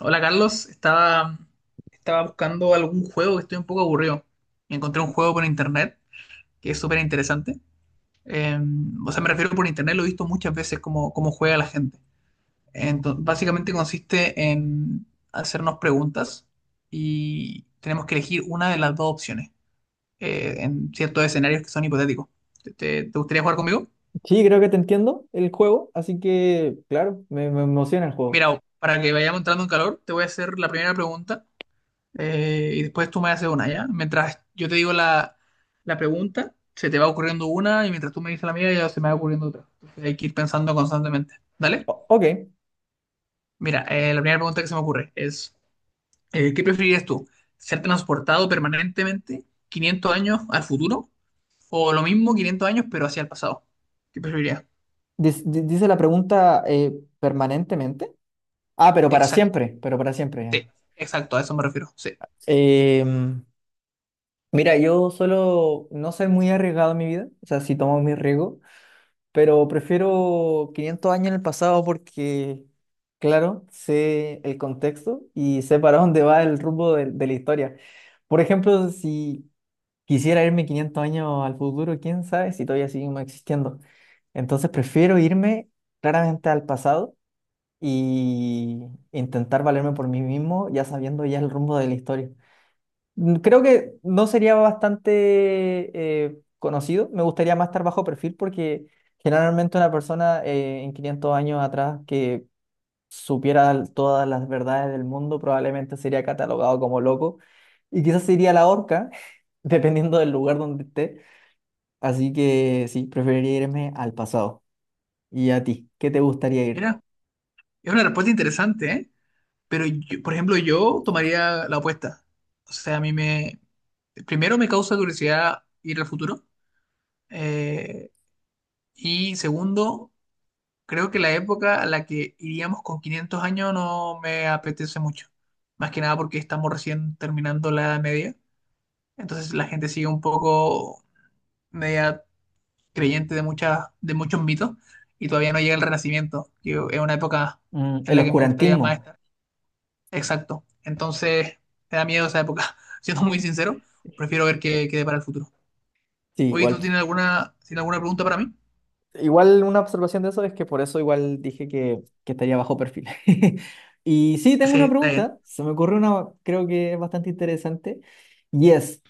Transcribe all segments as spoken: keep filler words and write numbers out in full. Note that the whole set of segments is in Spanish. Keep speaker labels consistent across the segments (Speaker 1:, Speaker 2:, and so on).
Speaker 1: Hola Carlos, estaba, estaba buscando algún juego que estoy un poco aburrido. Encontré un juego por internet que es súper interesante. Eh, o sea, me refiero por internet, lo he visto muchas veces cómo, cómo juega la gente. Entonces, básicamente consiste en hacernos preguntas y tenemos que elegir una de las dos opciones eh, en ciertos escenarios que son hipotéticos. ¿Te, te- te gustaría jugar conmigo?
Speaker 2: Sí, creo que te entiendo el juego, así que, claro, me, me emociona el juego.
Speaker 1: Mira, para que vayamos entrando en calor, te voy a hacer la primera pregunta eh, y después tú me haces una, ¿ya? Mientras yo te digo la, la pregunta, se te va ocurriendo una y mientras tú me dices la mía, ya se me va ocurriendo otra. Entonces hay que ir pensando constantemente, ¿dale?
Speaker 2: O- ok.
Speaker 1: Mira, eh, la primera pregunta que se me ocurre es, eh, ¿qué preferirías tú? ¿Ser transportado permanentemente quinientos años al futuro o lo mismo quinientos años pero hacia el pasado? ¿Qué preferirías?
Speaker 2: Dis- di- dice la pregunta eh, permanentemente. Ah, pero para
Speaker 1: Exacto,
Speaker 2: siempre, pero para siempre ya.
Speaker 1: sí, exacto, a eso me refiero, sí.
Speaker 2: Em, Mira, yo solo no soy muy arriesgado en mi vida, o sea, sí tomo mi riesgo, pero prefiero quinientos años en el pasado porque, claro, sé el contexto y sé para dónde va el rumbo de de la historia. Por ejemplo, si quisiera irme quinientos años al futuro, quién sabe si todavía seguimos existiendo. Entonces prefiero irme claramente al pasado y intentar valerme por mí mismo, ya sabiendo ya el rumbo de la historia. Mm, creo que no sería bastante eh, conocido, me gustaría más estar bajo perfil porque generalmente una persona eh, en quinientos años atrás que supiera l- todas las verdades del mundo probablemente sería catalogado como loco y quizás sería la horca, dependiendo del lugar donde esté. Así que sí, preferiría irme al pasado. ¿Y a ti? ¿Qué te gustaría ir?
Speaker 1: Mira, es una respuesta interesante, ¿eh? Pero yo- por ejemplo, yo tomaría la opuesta. O sea, a mí me, primero, me causa curiosidad ir al futuro. eh, y segundo, creo que la época a la que iríamos con quinientos años no me apetece mucho. Más que nada porque estamos recién terminando la Edad Media. Entonces la gente sigue un poco media creyente de muchas, de muchos mitos, y todavía no llega el Renacimiento, que es una época
Speaker 2: Mm,
Speaker 1: en
Speaker 2: el
Speaker 1: la que me gustaría más
Speaker 2: oscurantismo.
Speaker 1: estar. Exacto. Entonces me da miedo esa época. Siendo muy sincero, prefiero ver qué quede para el futuro.
Speaker 2: Sí,
Speaker 1: Oye, ¿tú
Speaker 2: igual.
Speaker 1: tienes alguna, tienes alguna, pregunta para mí?
Speaker 2: Igual una observación de eso es que por eso igual dije que, que estaría bajo perfil. Y sí, tengo
Speaker 1: Sí,
Speaker 2: una
Speaker 1: está bien.
Speaker 2: pregunta. Se me ocurrió una, creo que es bastante interesante. Y es,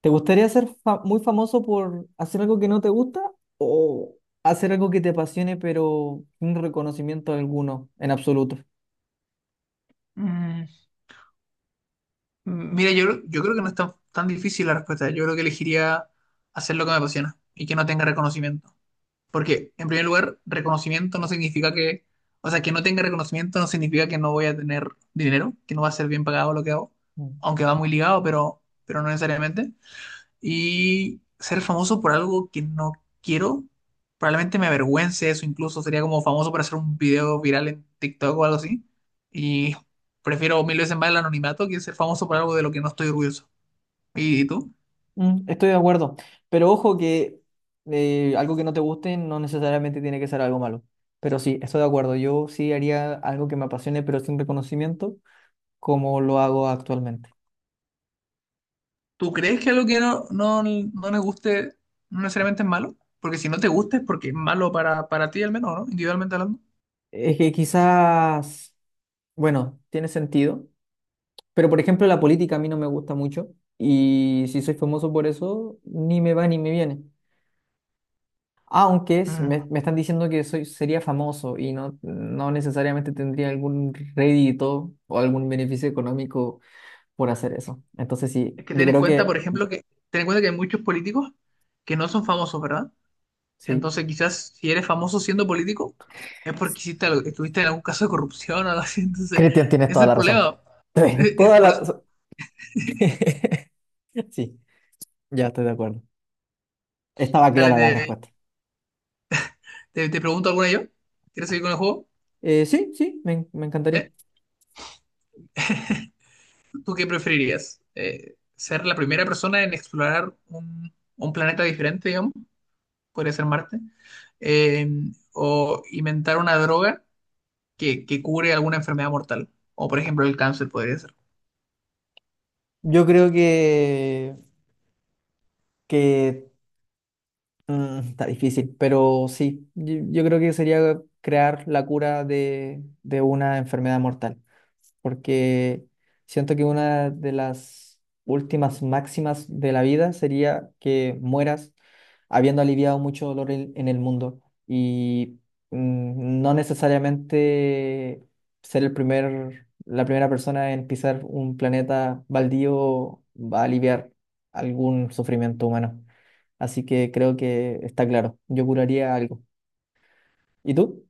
Speaker 2: ¿te gustaría ser fa- muy famoso por hacer algo que no te gusta o hacer algo que te apasione pero sin reconocimiento alguno en absoluto?
Speaker 1: Mm, mira, yo, creo- yo creo que no es tan, tan difícil la respuesta. Yo creo que elegiría hacer lo que me apasiona y que no tenga reconocimiento. Porque, en primer lugar, reconocimiento no significa que, o sea, que no tenga reconocimiento no significa que no voy a tener dinero, que no va a ser bien pagado lo que hago,
Speaker 2: Mm.
Speaker 1: aunque va muy ligado, pero, pero no necesariamente. Y ser famoso por algo que no quiero, probablemente me avergüence eso, incluso sería como famoso por hacer un video viral en TikTok o algo así. Y prefiero mil veces más el anonimato que ser famoso por algo de lo que no estoy orgulloso. ¿Y tú?
Speaker 2: Mm, estoy de acuerdo, pero ojo que eh, algo que no te guste no necesariamente tiene que ser algo malo. Pero sí, estoy de acuerdo. Yo sí haría algo que me apasione, pero sin reconocimiento, como lo hago actualmente.
Speaker 1: ¿Tú crees que algo que no, no, no nos guste no necesariamente es malo? Porque si no te gusta es porque es malo para, para ti al menos, ¿no? Individualmente hablando.
Speaker 2: Es que quizás, bueno, tiene sentido, pero por ejemplo la política a mí no me gusta mucho y si soy famoso por eso, ni me va ni me viene. Aunque es-
Speaker 1: Mm.
Speaker 2: me, me están diciendo que soy, sería famoso y no, no necesariamente tendría algún rédito o algún beneficio económico por hacer eso. Entonces sí,
Speaker 1: Es que
Speaker 2: yo
Speaker 1: ten en
Speaker 2: creo
Speaker 1: cuenta,
Speaker 2: que
Speaker 1: por ejemplo, que ten en cuenta que hay muchos políticos que no son famosos, ¿verdad?
Speaker 2: sí.
Speaker 1: Entonces, quizás si eres famoso siendo político, es porque hiciste algo- estuviste en algún caso de corrupción o algo así. Entonces,
Speaker 2: Cristian, tienes
Speaker 1: ese es
Speaker 2: toda
Speaker 1: el
Speaker 2: la razón.
Speaker 1: problema.
Speaker 2: Tienes
Speaker 1: Eh, eh,
Speaker 2: toda
Speaker 1: Por
Speaker 2: la
Speaker 1: eso,
Speaker 2: razón. Sí, ya estoy de acuerdo. Estaba
Speaker 1: dale,
Speaker 2: clara la
Speaker 1: te,
Speaker 2: respuesta.
Speaker 1: te- te pregunto alguna yo. ¿Quieres seguir con el juego?
Speaker 2: Eh, sí, sí, me, en- me encantaría.
Speaker 1: ¿Eh? ¿Tú qué preferirías? Eh, ¿ser la primera persona en explorar un, un, planeta diferente, digamos? Podría ser Marte. Eh, o inventar una droga que, que cure alguna enfermedad mortal. O, por ejemplo, el cáncer podría ser.
Speaker 2: Yo creo que, que mm, está difícil, pero sí, yo, yo creo que sería crear la cura de, de una enfermedad mortal, porque siento que una de las últimas máximas de la vida sería que mueras habiendo aliviado mucho dolor en, en el mundo y mm, no necesariamente ser el primer, la primera persona en pisar un planeta baldío va a aliviar algún sufrimiento humano. Así que creo que está claro, yo curaría algo. ¿Y tú?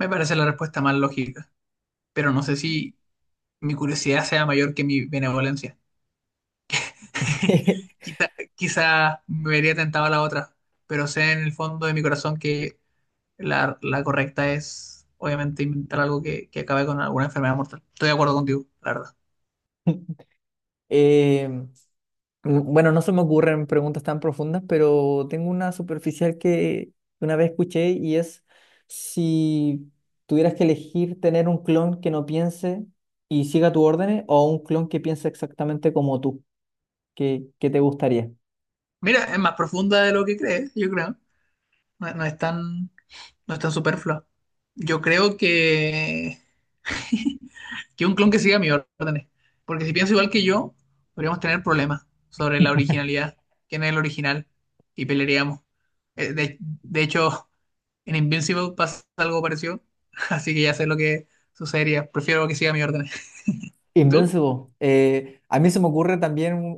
Speaker 1: Me parece la respuesta más lógica, pero no sé si mi curiosidad sea mayor que mi benevolencia. Quizá, quizá me vería tentado a la otra, pero sé en el fondo de mi corazón que la, la correcta es, obviamente, inventar algo que, que acabe con alguna enfermedad mortal. Estoy de acuerdo contigo, la verdad.
Speaker 2: Eh, m- bueno, no se me ocurren preguntas tan profundas, pero tengo una superficial que una vez escuché y es si tuvieras que elegir tener un clon que no piense y siga tus órdenes o un clon que piense exactamente como tú, ¿qué, qué te gustaría?
Speaker 1: Mira, es más profunda de lo que crees, yo creo. No, no es tan, no es tan superflua. Yo creo que Que un clon que siga mis órdenes. Porque si piensa igual que yo, podríamos tener problemas sobre la originalidad. ¿Quién es el original? Y pelearíamos. Eh, De, de hecho, en Invincible pasa algo parecido. Así que ya sé lo que sucedería. Prefiero que siga mis órdenes. ¿Y tú?
Speaker 2: Invincible. Eh, a mí se me ocurre también un,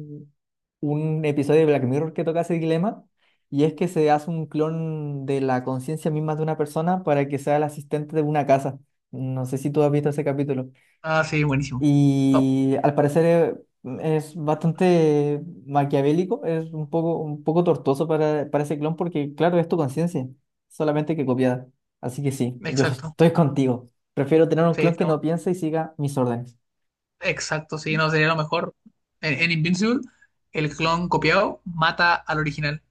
Speaker 2: un- un episodio de Black Mirror que toca ese dilema, y es que se hace un clon de la conciencia misma de una persona para que sea el asistente de una casa. No sé si tú has visto ese capítulo.
Speaker 1: Ah, sí, buenísimo. Top.
Speaker 2: Y al parecer eh, es bastante maquiavélico, es un poco, un poco tortuoso para, para ese clon porque, claro, es tu conciencia, solamente que copiada. Así que sí, yo
Speaker 1: Exacto.
Speaker 2: estoy contigo. Prefiero tener un
Speaker 1: Sí,
Speaker 2: clon que
Speaker 1: estamos.
Speaker 2: no piense y siga mis órdenes.
Speaker 1: Exacto, sí, no sería lo mejor. En, en Invincible, el clon copiado mata al original.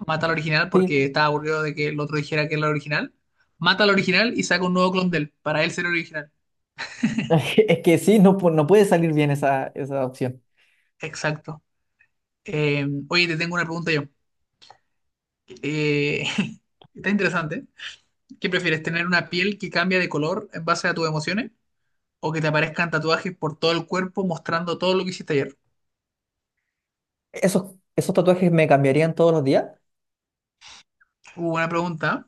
Speaker 1: Mata al original
Speaker 2: Sí,
Speaker 1: porque estaba aburrido de que el otro dijera que era el original, mata al original y saca un nuevo clon de él, para él ser el original.
Speaker 2: es que sí, no, pu- no puede salir bien esa, esa opción.
Speaker 1: Exacto. Eh, oye, te tengo una pregunta yo. Eh, Está interesante. ¿Qué prefieres, tener una piel que cambia de color en base a tus emociones o que te aparezcan tatuajes por todo el cuerpo mostrando todo lo que hiciste ayer?
Speaker 2: ¿Esos, esos tatuajes me cambiarían todos los días?
Speaker 1: Uh, buena pregunta.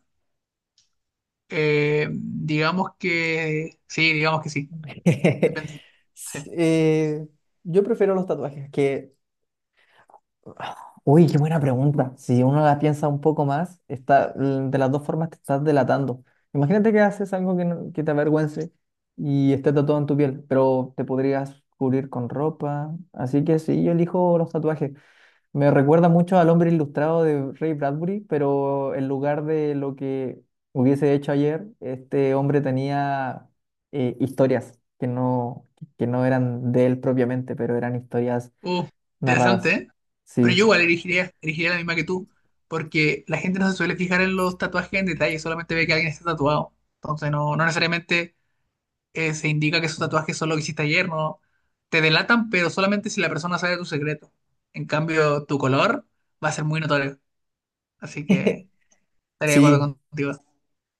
Speaker 1: Eh, digamos que sí, digamos que sí. Depende. Sí.
Speaker 2: S- eh, yo prefiero los tatuajes que... Uy, qué buena pregunta. Si uno la piensa un poco más, está, l- de las dos formas te estás delatando. Imagínate que haces algo que, no- que te avergüence y esté tatuado en tu piel, pero te podrías cubrir con ropa. Así que sí, yo elijo los tatuajes. Me recuerda mucho al hombre ilustrado de Ray Bradbury, pero en lugar de lo que hubiese hecho ayer, este hombre tenía eh, historias que no, que no eran de él propiamente, pero eran historias
Speaker 1: Uh, Interesante,
Speaker 2: narradas.
Speaker 1: ¿eh? Pero yo
Speaker 2: Sí.
Speaker 1: igual elegiría, elegiría la misma que tú, porque la gente no se suele fijar en los tatuajes en detalle, solamente ve que alguien está tatuado. Entonces no, no necesariamente eh, se indica que esos tatuajes son lo que hiciste ayer, ¿no? Te delatan, pero solamente si la persona sabe tu secreto. En cambio, tu color va a ser muy notorio. Así que estaría de acuerdo
Speaker 2: Sí.
Speaker 1: contigo.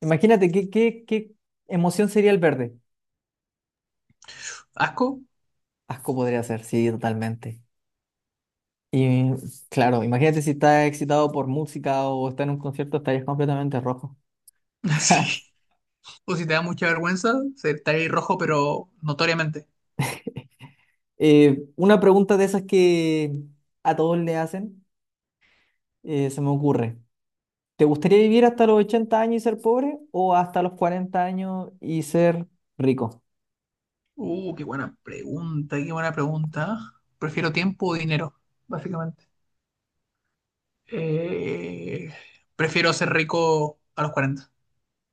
Speaker 2: Imagínate, ¿qué, qué, qué emoción sería el verde?
Speaker 1: ¿Asco?
Speaker 2: Asco podría ser, sí, totalmente. Y claro, imagínate si estás excitado por música o estás en un concierto, estarías completamente rojo.
Speaker 1: Sí. O si te da mucha vergüenza, se- estaría ahí rojo, pero notoriamente.
Speaker 2: Eh, una pregunta de esas que a todos le hacen, eh, se me ocurre. ¿Te gustaría vivir hasta los ochenta años y ser pobre o hasta los cuarenta años y ser rico?
Speaker 1: Uh, qué buena pregunta, qué buena pregunta. Prefiero tiempo o dinero, básicamente. Eh, Prefiero ser rico a los cuarenta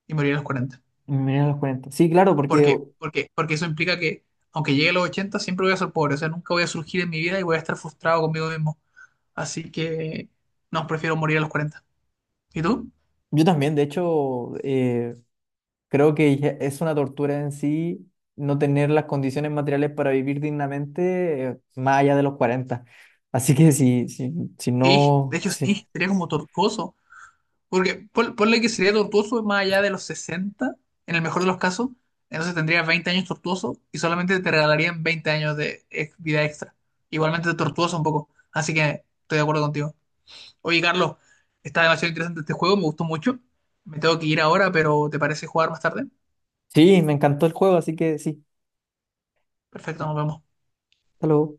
Speaker 1: y morir a los cuarenta.
Speaker 2: Mira, los cuarenta sí, claro,
Speaker 1: ¿Por
Speaker 2: porque
Speaker 1: qué? Porque, porque eso implica que, aunque llegue a los ochenta siempre voy a ser pobre. O sea, nunca voy a surgir en mi vida y voy a estar frustrado conmigo mismo. Así que, no, prefiero morir a los cuarenta. ¿Y tú?
Speaker 2: yo también, de hecho, eh, creo que ya es una tortura en sí no tener las condiciones materiales para vivir dignamente, eh, más allá de los cuarenta. Así que sí, sí, si
Speaker 1: Y, de
Speaker 2: no...
Speaker 1: hecho,
Speaker 2: Sí.
Speaker 1: sí, sería como tortuoso. Porque pon- ponle que sería tortuoso más allá de los sesenta, en el mejor de los casos, entonces tendrías veinte años tortuoso y solamente te regalarían veinte años de ex- vida extra. Igualmente tortuoso un poco, así que estoy de acuerdo contigo. Oye, Carlos, está demasiado interesante este juego, me gustó mucho. Me tengo que ir ahora, pero ¿te parece jugar más tarde?
Speaker 2: Sí, me encantó el juego, así que sí.
Speaker 1: Perfecto, nos vemos.
Speaker 2: Hasta luego.